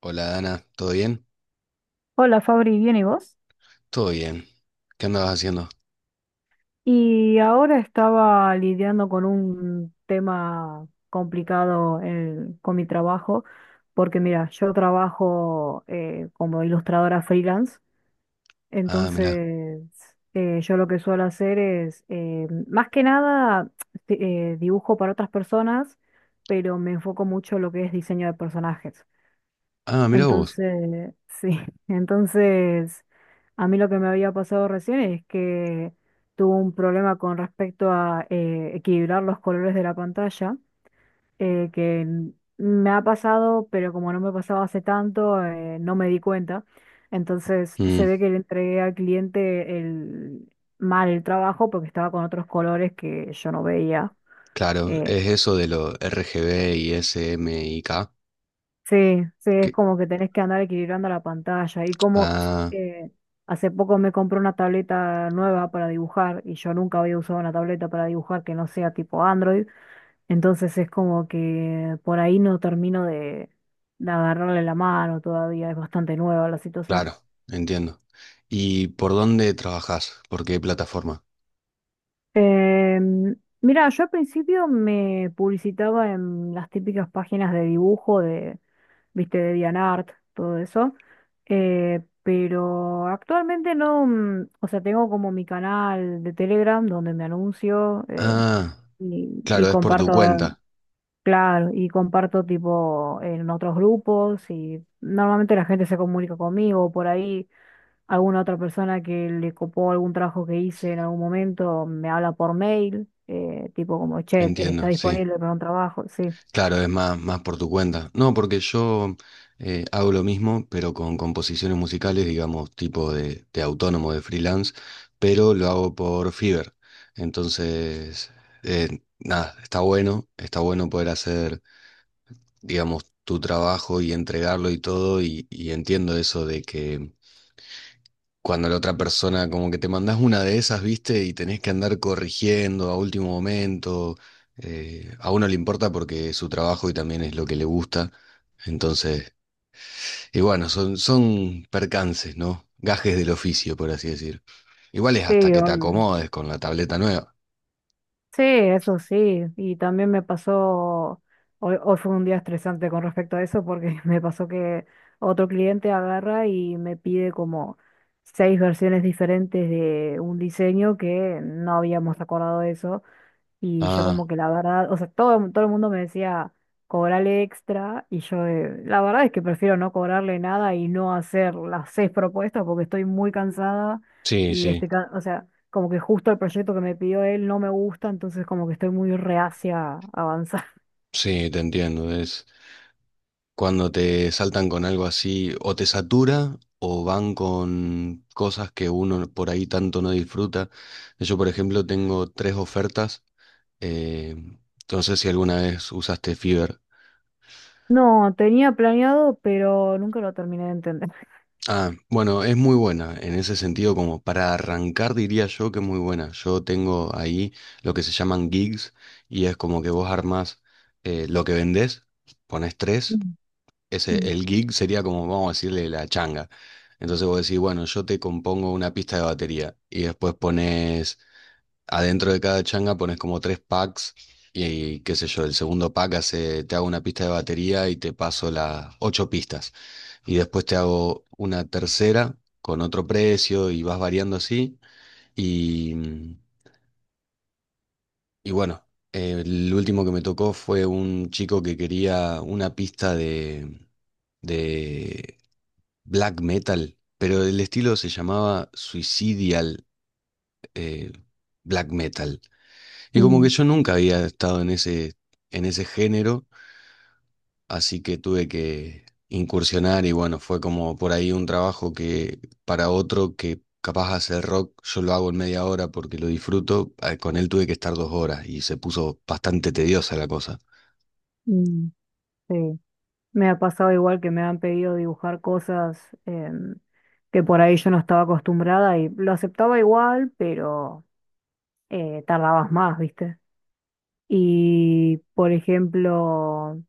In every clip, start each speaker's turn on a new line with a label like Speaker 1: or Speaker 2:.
Speaker 1: Hola Dana, ¿todo bien?
Speaker 2: Hola Fabri, ¿bien y vos?
Speaker 1: Todo bien. ¿Qué andabas haciendo?
Speaker 2: Y ahora estaba lidiando con un tema complicado con mi trabajo, porque mira, yo trabajo como ilustradora freelance.
Speaker 1: Ah, mira.
Speaker 2: Entonces yo lo que suelo hacer es, más que nada, dibujo para otras personas, pero me enfoco mucho en lo que es diseño de personajes.
Speaker 1: Ah, mira vos.
Speaker 2: Entonces, sí, entonces a mí lo que me había pasado recién es que tuve un problema con respecto a equilibrar los colores de la pantalla. eh, que n- Me ha pasado, pero como no me pasaba hace tanto, no me di cuenta. Entonces se
Speaker 1: Mm,
Speaker 2: ve que le entregué al cliente el, mal el trabajo porque estaba con otros colores que yo no veía.
Speaker 1: claro,
Speaker 2: eh,
Speaker 1: es eso de lo R G B y S M SMYK.
Speaker 2: Sí, sí, es
Speaker 1: que-
Speaker 2: como que tenés que andar equilibrando la pantalla. Y como
Speaker 1: Ah,
Speaker 2: eh, hace poco me compré una tableta nueva para dibujar y yo nunca había usado una tableta para dibujar que no sea tipo Android. Entonces es como que por ahí no termino de agarrarle la mano todavía, es bastante nueva la situación.
Speaker 1: claro, entiendo. ¿Y por dónde trabajás? ¿Por qué plataforma?
Speaker 2: Mira, yo al principio me publicitaba en las típicas páginas de dibujo de, viste, de DeviantArt, todo eso. Pero actualmente no, mm, o sea, tengo como mi canal de Telegram donde me anuncio
Speaker 1: Ah,
Speaker 2: y,
Speaker 1: claro, es por tu
Speaker 2: comparto.
Speaker 1: cuenta.
Speaker 2: Claro, y comparto tipo en otros grupos y normalmente la gente se comunica conmigo, por ahí alguna otra persona que le copó algún trabajo que hice en algún momento me habla por mail, tipo como, che, está
Speaker 1: Entiendo, sí.
Speaker 2: disponible para un trabajo, sí,
Speaker 1: Claro, es más, más por tu cuenta. No, porque yo hago lo mismo, pero con composiciones musicales, digamos, tipo de autónomo, de freelance, pero lo hago por Fiverr. Entonces, nada, está bueno poder hacer, digamos, tu trabajo y entregarlo y todo, y entiendo eso de que cuando la otra persona, como que te mandás una de esas, ¿viste? Y tenés que andar corrigiendo a último momento. Eh, a uno le importa porque es su trabajo y también es lo que le gusta. Entonces, y bueno, son percances, ¿no? Gajes del oficio, por así decir. Igual es hasta
Speaker 2: sí,
Speaker 1: que te
Speaker 2: obvio.
Speaker 1: acomodes con la tableta nueva.
Speaker 2: Sí, eso sí, y también me pasó, hoy fue un día estresante con respecto a eso porque me pasó que otro cliente agarra y me pide como seis versiones diferentes de un diseño que no habíamos acordado de eso y yo como
Speaker 1: Ah,
Speaker 2: que la verdad, o sea, todo el mundo me decía, cobrale extra, y yo la verdad es que prefiero no cobrarle nada y no hacer las seis propuestas porque estoy muy cansada
Speaker 1: sí,
Speaker 2: y
Speaker 1: sí,
Speaker 2: estoy, o sea, como que justo el proyecto que me pidió él no me gusta, entonces como que estoy muy reacia a avanzar.
Speaker 1: sí, te entiendo. Cuando te saltan con algo así, o te satura, o van con cosas que uno por ahí tanto no disfruta. Yo, por ejemplo, tengo tres ofertas. eh, no sé si alguna vez usaste Fiverr.
Speaker 2: No, tenía planeado, pero nunca lo terminé de entender.
Speaker 1: Ah, bueno, es muy buena. En ese sentido, como para arrancar, diría yo que es muy buena. Yo tengo ahí lo que se llaman gigs y es como que vos armás lo que vendés, pones tres.
Speaker 2: Mm,
Speaker 1: Ese,
Speaker 2: mm,
Speaker 1: el gig sería como, vamos a decirle, la changa. Entonces vos decís, bueno, yo te compongo una pista de batería y después pones, adentro de cada changa pones como tres packs y, qué sé yo, el segundo pack hace, te hago una pista de batería y te paso las ocho pistas. Y después te hago una tercera con otro precio y vas variando así. Y, y bueno, el último que me tocó fue un chico que quería una pista de black metal, pero el estilo se llamaba Suicidial eh, Black Metal. Y como
Speaker 2: mm,
Speaker 1: que yo nunca había estado en ese género, así que tuve que incursionar y bueno, fue como por ahí un trabajo que para otro que capaz hacer rock, yo lo hago en media hora porque lo disfruto, con él tuve que estar dos horas y se puso bastante tediosa la cosa.
Speaker 2: mm. Sí. Me ha pasado igual que me han pedido dibujar cosas que por ahí yo no estaba acostumbrada y lo aceptaba igual, pero tardabas más, ¿viste? Y, por ejemplo,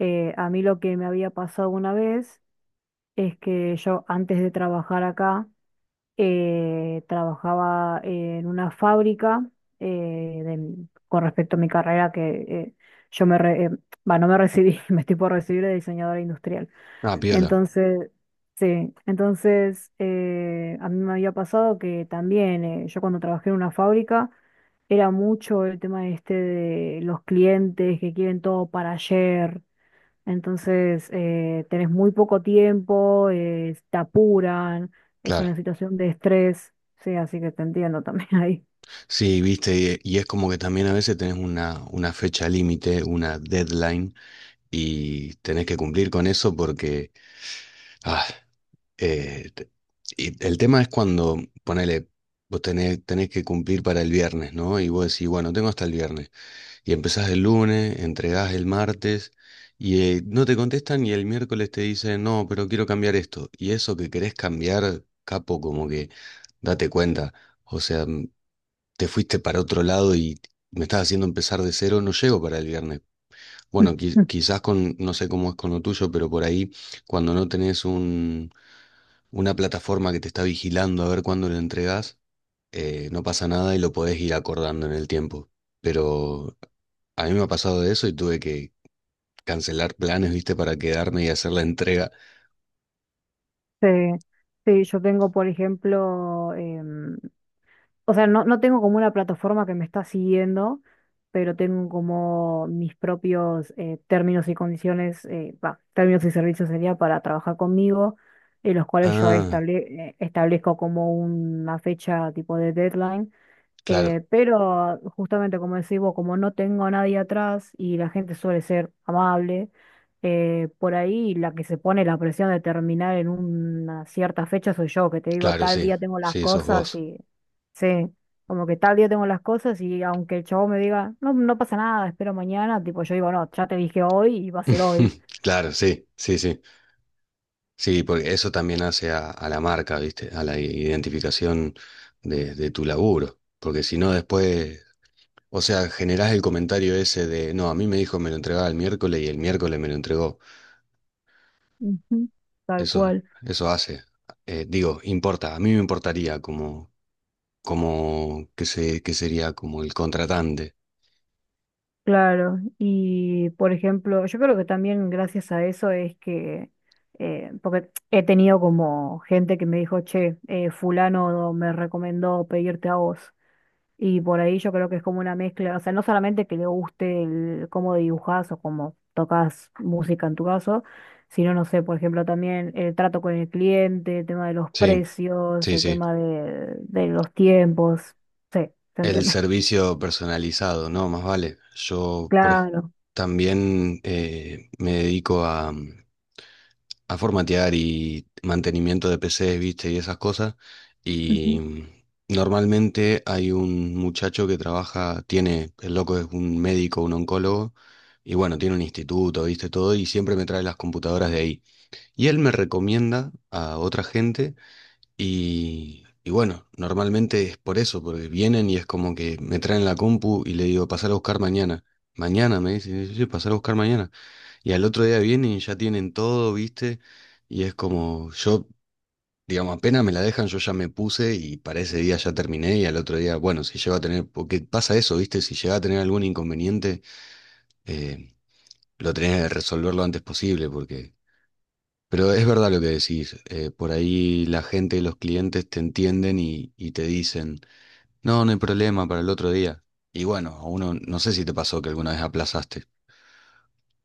Speaker 2: a mí lo que me había pasado una vez es que yo antes de trabajar acá, trabajaba en una fábrica eh, de- con respecto a mi carrera que eh, yo me, re- bah, no me recibí, me estoy por recibir de diseñadora industrial.
Speaker 1: Ah, piola.
Speaker 2: Entonces, sí, entonces a mí me había pasado que también yo cuando trabajé en una fábrica era mucho el tema este de los clientes que quieren todo para ayer, entonces tenés muy poco tiempo, te apuran, es
Speaker 1: Claro,
Speaker 2: una situación de estrés. Sí, así que te entiendo también ahí.
Speaker 1: sí, viste, y es como que también a veces tenés una fecha límite, una deadline, y tenés que cumplir con eso porque ah, eh, te- y el tema es cuando, ponele, vos tenés que cumplir para el viernes, ¿no? Y vos decís, bueno, tengo hasta el viernes. Y empezás el lunes, entregás el martes y no te contestan y el miércoles te dicen, no, pero quiero cambiar esto. Y eso que querés cambiar, capo, como que date cuenta. O sea, te fuiste para otro lado y me estás haciendo empezar de cero, no llego para el viernes. Bueno, quizás con, no sé cómo es con lo tuyo, pero por ahí cuando no tenés un, una plataforma que te está vigilando a ver cuándo lo entregás, no pasa nada y lo podés ir acordando en el tiempo. Pero a mí me ha pasado de eso y tuve que cancelar planes, viste, para quedarme y hacer la entrega.
Speaker 2: Sí, sí, yo tengo, por ejemplo, o sea, no, no tengo como una plataforma que me está siguiendo, pero tengo como mis propios términos y condiciones, va, términos y servicios sería para trabajar conmigo, en los cuales yo
Speaker 1: Ah,
Speaker 2: establezco como una fecha tipo de deadline.
Speaker 1: claro,
Speaker 2: Pero justamente como decís vos, como no tengo a nadie atrás y la gente suele ser amable, por ahí la que se pone la presión de terminar en una cierta fecha soy yo, que te digo
Speaker 1: claro,
Speaker 2: tal
Speaker 1: sí,
Speaker 2: día tengo las
Speaker 1: sí, sos
Speaker 2: cosas.
Speaker 1: vos.
Speaker 2: Y sí, como que tal día tengo las cosas y aunque el chavo me diga, no, no pasa nada, espero mañana, tipo yo digo, no, ya te dije hoy y va a ser hoy.
Speaker 1: Claro, sí, sí, sí. Sí, porque eso también hace a la marca, viste, a la identificación de tu laburo. Porque si no, después o sea, generás el comentario ese de, no, a mí me dijo me lo entregaba el miércoles y el miércoles me lo entregó.
Speaker 2: Ujú. Tal
Speaker 1: Eso,
Speaker 2: cual.
Speaker 1: eso hace. Digo, importa, a mí me importaría que que sería como el contratante.
Speaker 2: Claro, y por ejemplo, yo creo que también gracias a eso es que, porque he tenido como gente que me dijo, che, fulano me recomendó pedirte a vos. Y por ahí yo creo que es como una mezcla, o sea, no solamente que le guste el, cómo dibujás o cómo tocas música en tu caso, sino, no sé, por ejemplo, también el trato con el cliente, el tema de los
Speaker 1: Sí,
Speaker 2: precios,
Speaker 1: sí,
Speaker 2: el
Speaker 1: sí.
Speaker 2: tema de los tiempos. Sí, ¿se
Speaker 1: El
Speaker 2: entiende?
Speaker 1: servicio personalizado, ¿no? Más vale. También me dedico a, a formatear y mantenimiento de PCs, viste, y esas cosas. Y
Speaker 2: Claro.
Speaker 1: normalmente hay un muchacho que trabaja, tiene, el loco es un médico, un oncólogo, y bueno, tiene un instituto, viste, todo, y siempre me trae las computadoras de ahí. Y él me recomienda a otra gente y bueno, normalmente es por eso, porque vienen y es como que me traen la compu y le digo, pasar a buscar mañana. Mañana me dicen, sí, sí, sí, pasar a buscar mañana. Y al otro día vienen y ya tienen todo, ¿viste? Y es como, yo, digamos, apenas me la dejan, yo ya me puse y para ese día ya terminé y al otro día, bueno, si llego a tener, porque pasa eso, ¿viste? Si llega a tener algún inconveniente, eh, lo tenés que resolver lo antes posible, porque pero es verdad lo que decís, por ahí la gente y los clientes te entienden y te dicen, no, no hay problema para el otro día. Y bueno, a uno no sé si te pasó que alguna vez aplazaste.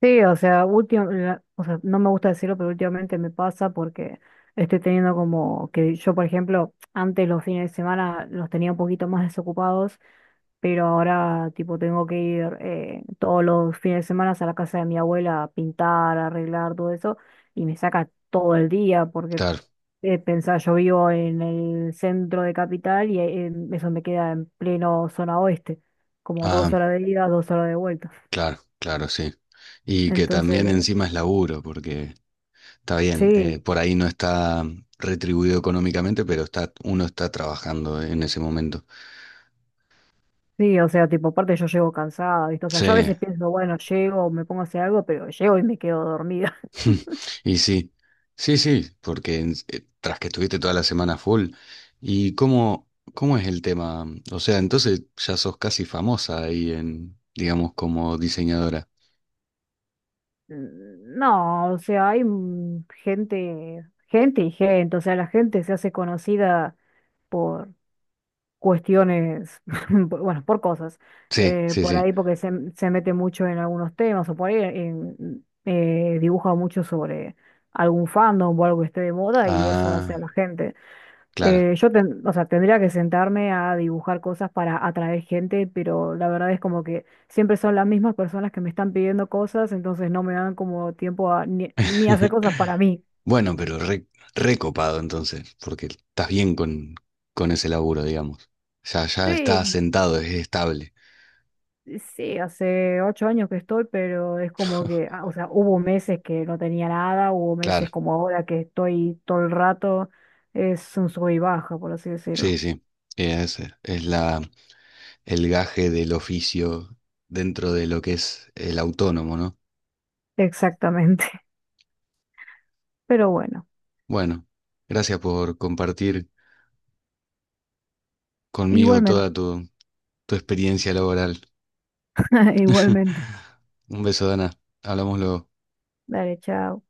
Speaker 2: Sí, o sea, o sea, no me gusta decirlo, pero últimamente me pasa porque estoy teniendo como que yo, por ejemplo, antes los fines de semana los tenía un poquito más desocupados, pero ahora tipo tengo que ir todos los fines de semana a la casa de mi abuela a pintar, a arreglar todo eso, y me saca todo el día porque
Speaker 1: Claro,
Speaker 2: pensá, yo vivo en el centro de capital y eso me queda en pleno zona oeste, como
Speaker 1: ah,
Speaker 2: 2 horas de ida, 2 horas de vuelta.
Speaker 1: claro, claro, sí. Y que también
Speaker 2: Entonces,
Speaker 1: encima es laburo, porque está bien,
Speaker 2: sí.
Speaker 1: por ahí no está retribuido económicamente, pero está, uno está trabajando en ese momento.
Speaker 2: Sí, o sea, tipo, aparte yo llego cansada, ¿viste? O sea,
Speaker 1: Sí,
Speaker 2: yo a veces pienso, bueno, llego, me pongo a hacer algo, pero llego y me quedo dormida.
Speaker 1: y sí, sí, sí, porque tras que estuviste toda la semana full, ¿y cómo es el tema? O sea, entonces ya sos casi famosa ahí en, digamos, como diseñadora.
Speaker 2: No, o sea, hay gente, gente y gente, o sea, la gente se hace conocida por cuestiones, bueno, por cosas,
Speaker 1: Sí, sí,
Speaker 2: por
Speaker 1: sí.
Speaker 2: ahí porque se mete mucho en algunos temas, o por ahí dibuja mucho sobre algún fandom o algo que esté de moda y eso hace a
Speaker 1: Ah,
Speaker 2: la gente.
Speaker 1: claro.
Speaker 2: O sea, tendría que sentarme a dibujar cosas para atraer gente, pero la verdad es como que siempre son las mismas personas que me están pidiendo cosas, entonces no me dan como tiempo a ni hacer cosas para mí.
Speaker 1: Bueno, pero recopado entonces, porque estás bien con ese laburo, digamos. Ya, ya está
Speaker 2: Sí,
Speaker 1: asentado, es estable.
Speaker 2: sí, hace 8 años que estoy, pero es como que, ah, o sea, hubo meses que no tenía nada, hubo
Speaker 1: Claro,
Speaker 2: meses como ahora que estoy todo el rato, es un sub y baja, por así decirlo.
Speaker 1: sí, sí. Es, es la, el gaje del oficio dentro de lo que es el autónomo, ¿no?
Speaker 2: Exactamente. Pero bueno,
Speaker 1: Bueno, gracias por compartir conmigo
Speaker 2: igualmente.
Speaker 1: toda tu experiencia laboral.
Speaker 2: Igualmente.
Speaker 1: Un beso, Dana. Hablamos luego.
Speaker 2: Dale, chao.